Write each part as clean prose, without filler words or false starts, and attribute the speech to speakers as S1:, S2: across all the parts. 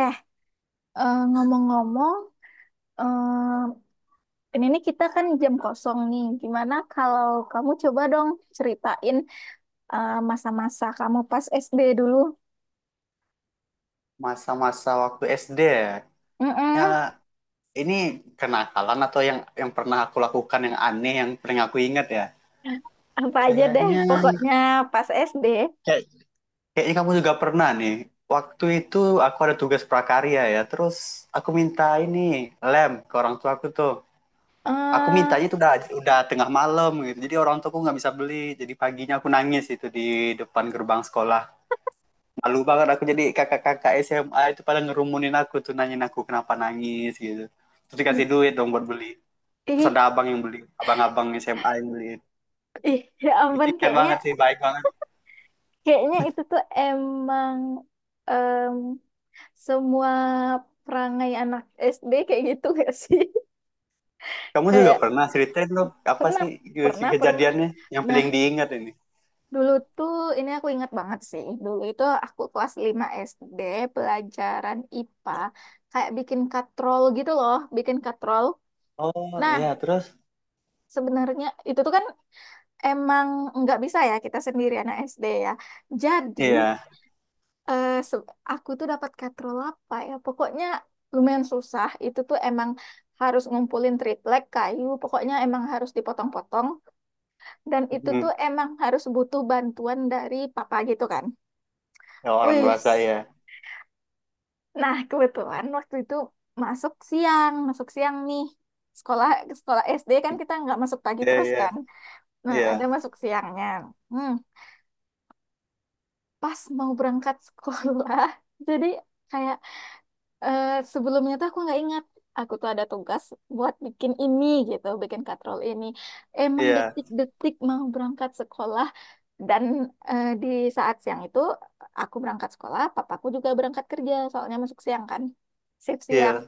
S1: Eh, ngomong-ngomong, eh, ini nih kita kan jam kosong nih. Gimana kalau kamu coba dong ceritain masa-masa kamu pas SD dulu?
S2: Masa-masa waktu SD ya. Ya,
S1: Mm-mm,
S2: ini kenakalan atau yang pernah aku lakukan yang aneh yang pernah aku ingat ya.
S1: apa aja deh,
S2: Kayaknya
S1: pokoknya pas SD.
S2: kayak kayaknya kamu juga pernah nih. Waktu itu aku ada tugas prakarya ya. Terus aku minta ini lem ke orang tua aku tuh. Aku mintanya
S1: eh
S2: itu udah tengah malam gitu. Jadi orang tuaku nggak bisa beli. Jadi paginya aku nangis itu di depan gerbang sekolah. Malu banget aku, jadi kakak-kakak SMA itu pada ngerumunin aku tuh, nanyain aku kenapa nangis gitu, terus
S1: ih,
S2: dikasih duit dong buat beli, terus
S1: ih,
S2: ada abang yang beli, abang-abang SMA yang beli.
S1: ih, ya
S2: Itu
S1: ampun,
S2: ingat
S1: kayaknya
S2: banget sih, baik banget.
S1: kayaknya itu tuh emang em, semua perangai anak SD kayak gitu gak sih?
S2: Kamu juga
S1: Kayak
S2: pernah ceritain loh, apa
S1: pernah,
S2: sih si
S1: pernah, pernah.
S2: kejadiannya yang
S1: Nah,
S2: paling diingat ini.
S1: dulu tuh, ini aku ingat banget sih. Dulu itu aku kelas 5 SD, pelajaran IPA, kayak bikin katrol gitu loh, bikin katrol.
S2: Oh
S1: Nah,
S2: iya, terus.
S1: sebenarnya itu tuh kan emang nggak bisa ya kita sendiri anak SD ya. Jadi,
S2: Iya.
S1: eh, se- aku tuh dapat katrol apa ya? Pokoknya lumayan susah. Itu tuh emang harus ngumpulin triplek kayu, pokoknya emang harus dipotong-potong. Dan itu
S2: Hmm.
S1: tuh emang harus butuh bantuan dari papa gitu kan.
S2: Ya, orang
S1: Wih,
S2: dewasa ya.
S1: nah, kebetulan waktu itu masuk siang nih. Sekolah sekolah SD kan kita nggak masuk pagi
S2: Iya,
S1: terus
S2: iya,
S1: kan. Nah,
S2: iya,
S1: ada masuk siangnya. Hmm, pas mau berangkat sekolah, jadi kayak eh, sebelumnya tuh aku nggak ingat. Aku tuh ada tugas buat bikin ini gitu, bikin katrol ini. Emang
S2: iya,
S1: detik-detik mau berangkat sekolah dan di saat siang itu aku berangkat sekolah, papaku juga berangkat kerja, soalnya masuk siang kan, shift siang.
S2: iya,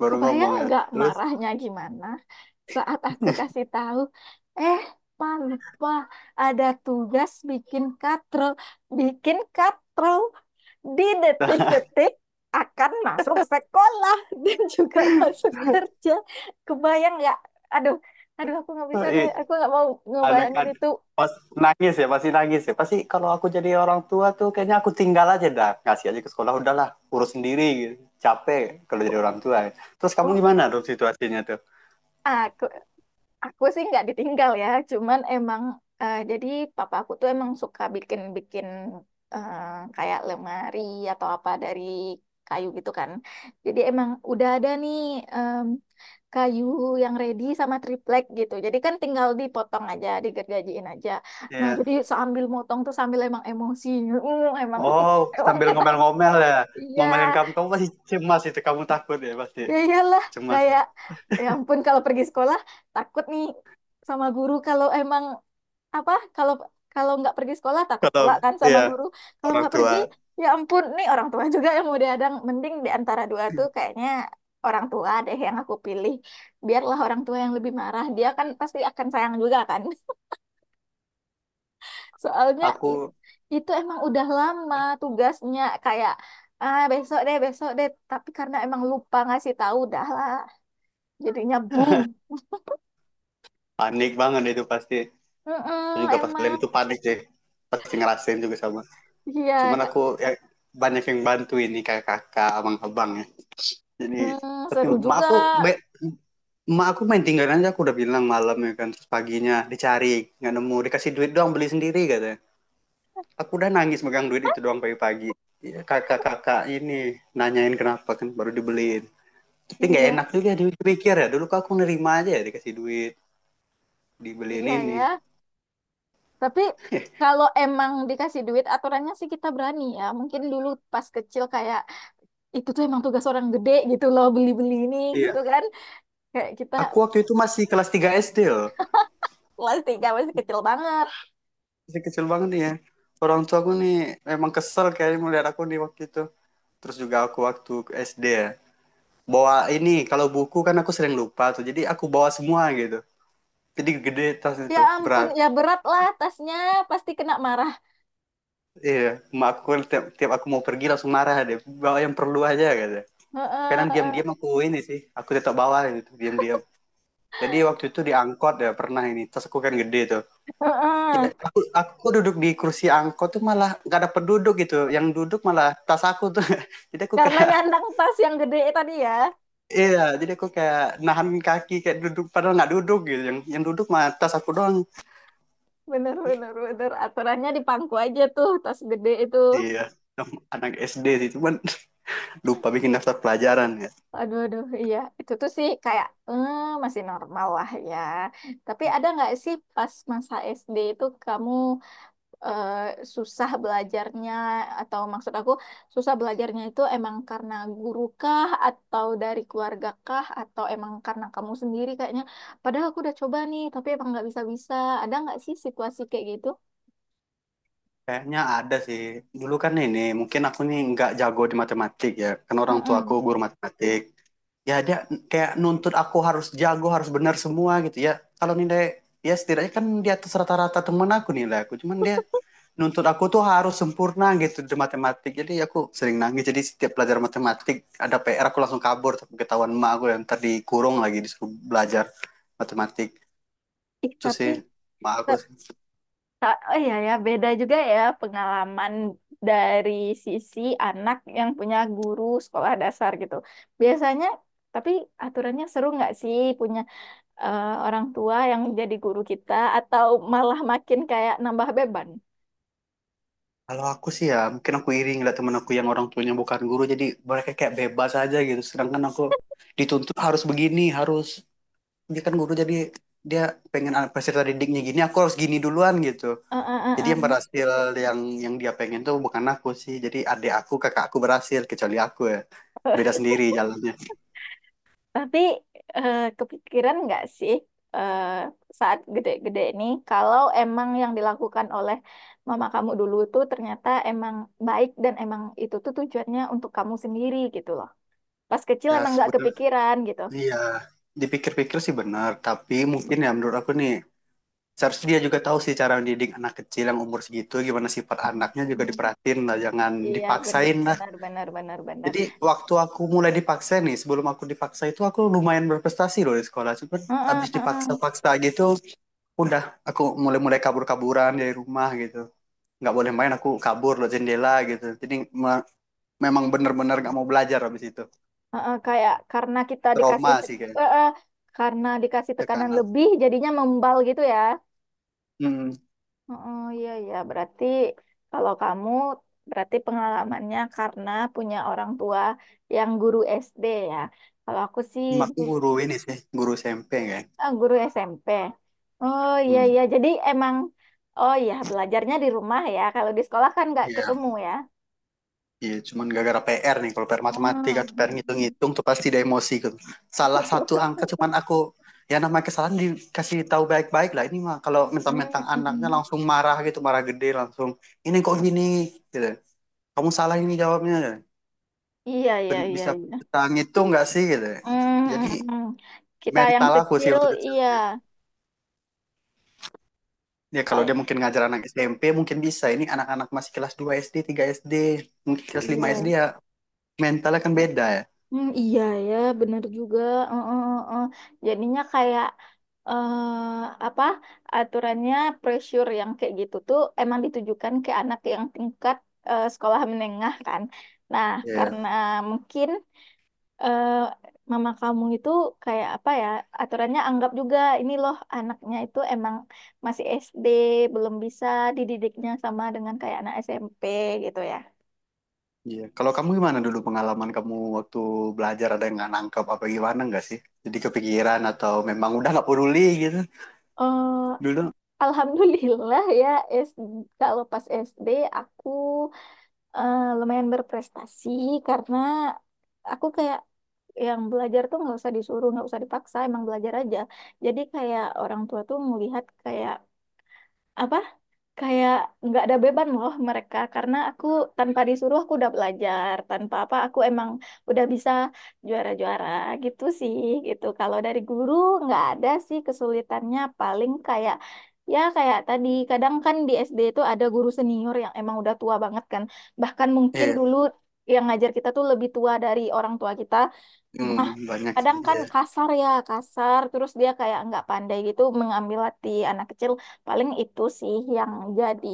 S2: baru
S1: Kebayang
S2: ngomong ya,
S1: nggak
S2: terus
S1: marahnya gimana saat aku kasih tahu, eh, Pak lupa ada tugas bikin katrol di detik-detik akan masuk sekolah dan juga masuk kerja. Kebayang nggak? Aduh, aduh aku nggak bisa deh,
S2: i-
S1: aku nggak mau
S2: ada
S1: ngebayangin
S2: kan
S1: itu.
S2: pas nangis, ya pasti nangis, ya pasti. Kalau aku jadi orang tua tuh kayaknya aku tinggal aja dah, kasih aja ke sekolah, udahlah urus sendiri gitu. Capek kalau jadi orang tua. Terus kamu
S1: Oh,
S2: gimana tuh situasinya tuh?
S1: aku Aku sih nggak ditinggal ya, cuman emang jadi papa aku tuh emang suka bikin-bikin eh, kayak lemari atau apa dari kayu gitu kan. Jadi emang udah ada nih em, kayu yang ready sama triplek gitu. Jadi kan tinggal dipotong aja, digergajiin aja. Nah,
S2: Iya.
S1: jadi sambil motong tuh sambil emang emosi, emang
S2: Oh,
S1: emang
S2: sambil
S1: kena.
S2: ngomel-ngomel ya,
S1: Iya,
S2: ngomelin kamu kamu pasti cemas itu, kamu takut ya pasti
S1: ya iyalah,
S2: cemas,
S1: kayak ya ampun kalau pergi sekolah takut nih sama guru, kalau emang apa, kalau kalau nggak pergi sekolah takut
S2: kalau
S1: pula kan sama
S2: iya
S1: guru kalau
S2: orang
S1: nggak
S2: tua
S1: pergi. Ya ampun nih, orang tua juga yang mau diadang, mending di antara dua tuh kayaknya orang tua deh yang aku pilih, biarlah orang tua yang lebih marah, dia kan pasti akan sayang juga kan. Soalnya
S2: aku.
S1: itu emang udah lama tugasnya, kayak ah besok deh besok deh, tapi karena emang lupa ngasih tahu, dah lah jadinya bung.
S2: Panik banget itu pasti. Aku
S1: Mm-mm,
S2: juga pas kalian
S1: emang
S2: itu panik sih, pasti ngerasain juga sama,
S1: iya,
S2: cuman
S1: kak.
S2: aku ya, banyak yang bantu ini kayak kakak abang-abang ya. Jadi
S1: Mm,
S2: tapi
S1: seru
S2: emak
S1: juga.
S2: aku be- emak aku main tinggal aja, aku udah bilang malam ya kan, terus paginya dicari nggak nemu, dikasih duit doang, beli sendiri katanya. Aku udah nangis megang duit itu doang pagi-pagi. Ya, kakak-kakak ini nanyain kenapa, kan baru dibeliin. Tapi nggak
S1: Iya
S2: enak juga dipikir ya, dulu kok aku nerima aja ya dikasih duit, dibeliin
S1: iya ya.
S2: ini.
S1: Tapi kalau emang dikasih duit aturannya sih kita berani ya. Mungkin dulu pas kecil kayak itu tuh emang tugas orang gede gitu loh beli-beli ini gitu
S2: Iya.
S1: kan. Kayak kita
S2: Aku waktu itu masih kelas 3 SD loh.
S1: kelas tiga masih kecil banget.
S2: Masih kecil banget nih ya. Orang tua aku nih memang kesel kayaknya melihat aku nih waktu itu. Terus juga aku waktu SD ya, bawa ini kalau buku kan aku sering lupa tuh, jadi aku bawa semua gitu, jadi gede tas
S1: Ya
S2: itu,
S1: ampun
S2: berat.
S1: ya berat lah tasnya pasti kena marah.
S2: Iya, emak aku kan tiap aku mau pergi langsung marah deh, bawa yang perlu aja gitu. Kadang
S1: Heeh,
S2: diam-diam aku ini sih, aku tetap bawa gitu diam-diam. Jadi waktu itu di angkot ya, pernah ini tas aku kan gede tuh, jadi
S1: heeh.
S2: aku duduk di kursi angkot tuh malah gak ada penduduk gitu yang duduk, malah tas aku tuh. Jadi aku
S1: Karena
S2: kayak,
S1: nyandang tas yang gede tadi ya.
S2: iya, jadi aku kayak nahan kaki kayak duduk padahal nggak duduk gitu, yang duduk mah tas aku doang.
S1: Bener bener bener aturannya di pangku aja tuh tas gede itu.
S2: Iya, anak SD sih, cuman lupa bikin daftar pelajaran ya.
S1: Aduh, aduh, iya. Itu tuh sih kayak masih normal lah ya. Tapi ada nggak sih pas masa SD itu kamu eh, susah belajarnya atau maksud aku susah belajarnya itu emang karena guru kah atau dari keluarga kah atau emang karena kamu sendiri kayaknya. Padahal aku udah coba nih, tapi emang nggak bisa-bisa. Ada nggak sih situasi kayak gitu?
S2: Kayaknya ada sih. Dulu kan ini, mungkin aku nih nggak jago di matematik ya, karena orang tua aku
S1: Mm-mm.
S2: guru matematik. Ya dia kayak nuntut aku harus jago, harus benar semua gitu ya. Kalau nilai, ya setidaknya kan di atas rata-rata temen aku nilai aku, cuman dia nuntut aku tuh harus sempurna gitu di matematik. Jadi aku sering nangis. Jadi setiap belajar matematik ada PR, aku langsung kabur, tapi ketahuan emak aku yang tadi, kurung lagi disuruh belajar matematik.
S1: Ih,
S2: Itu sih, sama aku sih.
S1: Oh iya ya, beda juga ya pengalaman dari sisi anak yang punya guru sekolah dasar gitu. Biasanya, tapi aturannya seru nggak sih punya orang tua yang jadi guru kita atau malah makin kayak nambah beban?
S2: Kalau aku sih ya mungkin aku iri ngeliat temen aku yang orang tuanya bukan guru, jadi mereka kayak bebas aja gitu. Sedangkan aku dituntut harus begini, harus, dia kan guru, jadi dia pengen anak peserta didiknya gini, aku harus gini duluan gitu.
S1: Eh,
S2: Jadi
S1: eh,
S2: yang
S1: eh,
S2: berhasil, yang dia pengen tuh bukan aku sih. Jadi adik aku, kakak aku berhasil, kecuali aku ya.
S1: eh.
S2: Beda sendiri jalannya.
S1: Tapi kepikiran nggak sih eh, saat gede-gede ini kalau emang yang dilakukan oleh mama kamu dulu itu ternyata emang baik dan emang itu tuh tujuannya untuk kamu sendiri gitu loh. Pas kecil
S2: Ya
S1: emang nggak
S2: sebenarnya
S1: kepikiran gitu.
S2: iya, dipikir-pikir sih benar, tapi mungkin ya menurut aku nih, seharusnya dia juga tahu sih cara mendidik anak kecil yang umur segitu, gimana sifat anaknya
S1: Hmm.
S2: juga diperhatiin lah, jangan
S1: Iya benar
S2: dipaksain lah.
S1: benar benar benar benar.
S2: Jadi waktu aku mulai dipaksa nih, sebelum aku dipaksa itu aku lumayan berprestasi loh di sekolah, cuman
S1: Heeh,
S2: abis
S1: heeh.
S2: dipaksa-paksa gitu udah, aku mulai-mulai kabur-kaburan dari rumah gitu, nggak boleh main aku kabur loh jendela gitu, jadi me- memang bener-bener nggak mau belajar abis itu,
S1: Heeh, kayak karena kita dikasih
S2: trauma sih kayak
S1: heeh, karena dikasih tekanan
S2: tekanan.
S1: lebih jadinya membal gitu ya.
S2: hmm,
S1: Oh iya ya, berarti kalau kamu berarti pengalamannya karena punya orang tua yang guru SD ya. Kalau aku sih
S2: Emakku
S1: gu-
S2: guru ini sih, guru SMP. Kayak
S1: guru SMP. Oh iya
S2: hmm.
S1: iya, jadi emang oh iya belajarnya di rumah ya. Kalau di sekolah kan nggak
S2: Iya.
S1: ketemu ya.
S2: Iya, cuman gara-gara PR nih. Kalau PR matematika atau PR
S1: Hmm.
S2: ngitung-ngitung tuh pasti ada emosi gitu. Salah satu angka cuman, aku ya namanya kesalahan, dikasih tahu baik-baik lah. Ini mah kalau
S1: Hmm,
S2: mentang-mentang
S1: mm,
S2: anaknya
S1: mm.
S2: langsung marah gitu, marah gede langsung. Ini kok gini gitu. Kamu salah ini jawabnya.
S1: Iya, iya,
S2: Ben-
S1: iya,
S2: Bisa
S1: iya.
S2: bisa ngitung nggak sih gitu.
S1: Hmm,
S2: Jadi
S1: mm, mm. Kita yang
S2: mental aku sih
S1: kecil,
S2: waktu kecil.
S1: iya.
S2: Ya kalau
S1: Ay-
S2: dia mungkin ngajar anak SMP mungkin bisa. Ini anak-anak masih kelas 2 SD, 3 SD, mungkin kelas 5 SD
S1: Iya.
S2: ya, mentalnya kan beda ya.
S1: Hmm, iya ya, bener juga. Heeh, heeh, heeh. Jadinya kayak eh apa aturannya pressure yang kayak gitu tuh emang ditujukan ke anak yang tingkat sekolah menengah kan. Nah,
S2: Iya.
S1: karena mungkin eh mama kamu itu kayak apa ya, aturannya anggap juga ini loh anaknya itu emang masih SD, belum bisa dididiknya sama dengan kayak anak SMP gitu ya.
S2: Iya, kalau kamu gimana dulu pengalaman kamu waktu belajar, ada yang nggak nangkep apa gimana nggak sih? Jadi kepikiran atau memang udah nggak peduli gitu
S1: Eh,
S2: dulu?
S1: Alhamdulillah ya, SD, kalau pas SD aku lumayan berprestasi karena aku kayak yang belajar tuh nggak usah disuruh, nggak usah dipaksa, emang belajar aja. Jadi kayak orang tua tuh melihat kayak apa? Kayak nggak ada beban loh mereka, karena aku tanpa disuruh aku udah belajar, tanpa apa aku emang udah bisa juara-juara gitu sih. Gitu kalau dari guru nggak ada sih kesulitannya, paling kayak ya kayak tadi kadang kan di SD itu ada guru senior yang emang udah tua banget kan, bahkan mungkin
S2: Iya,
S1: dulu yang ngajar kita tuh lebih tua dari orang tua kita.
S2: hmm, hmm, banyak sih.
S1: Kadang kan
S2: Iya.
S1: kasar ya, kasar terus dia kayak nggak pandai gitu mengambil hati anak kecil, paling itu sih yang jadi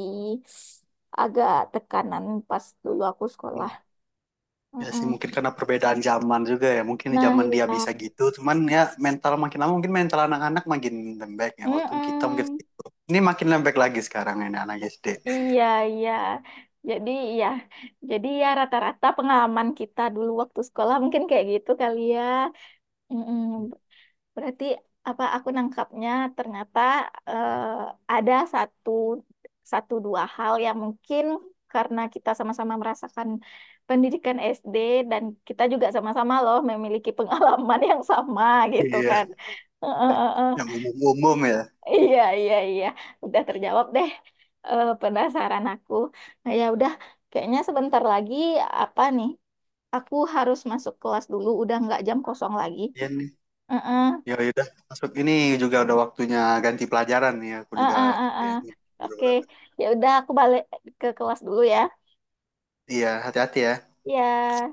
S1: agak tekanan pas dulu aku sekolah.
S2: Hmm. Ya sih
S1: Mm-mm.
S2: mungkin karena perbedaan zaman juga ya. Mungkin di
S1: Nah
S2: zaman dia
S1: iya.
S2: bisa gitu, cuman ya mental makin lama mungkin, mental anak-anak makin lembek ya. Waktu kita mungkin
S1: Mm-mm.
S2: gitu. Ini makin lembek lagi sekarang ini anak SD.
S1: Iya iya jadi ya jadi ya rata-rata pengalaman kita dulu waktu sekolah mungkin kayak gitu kali ya. Mm-mm. Berarti apa aku nangkapnya ternyata eh, ada satu satu dua hal yang mungkin karena kita sama-sama merasakan pendidikan SD dan kita juga sama-sama loh memiliki pengalaman yang sama gitu
S2: Iya,
S1: kan. Eh, eh, eh, eh.
S2: yang umum-umum ya.
S1: Iya, iya, iya. Udah terjawab deh penasaran aku. Nah, ya udah, kayaknya sebentar lagi apa nih? Aku harus masuk kelas dulu, udah nggak jam kosong lagi.
S2: Iya nih.
S1: Heeh.
S2: Ya udah, masuk ini juga udah waktunya ganti pelajaran nih. Aku
S1: Ah
S2: juga
S1: ah ah ah.
S2: kayak.
S1: Oke, ya udah aku balik ke kelas dulu ya.
S2: Iya, hati-hati ya.
S1: Ya.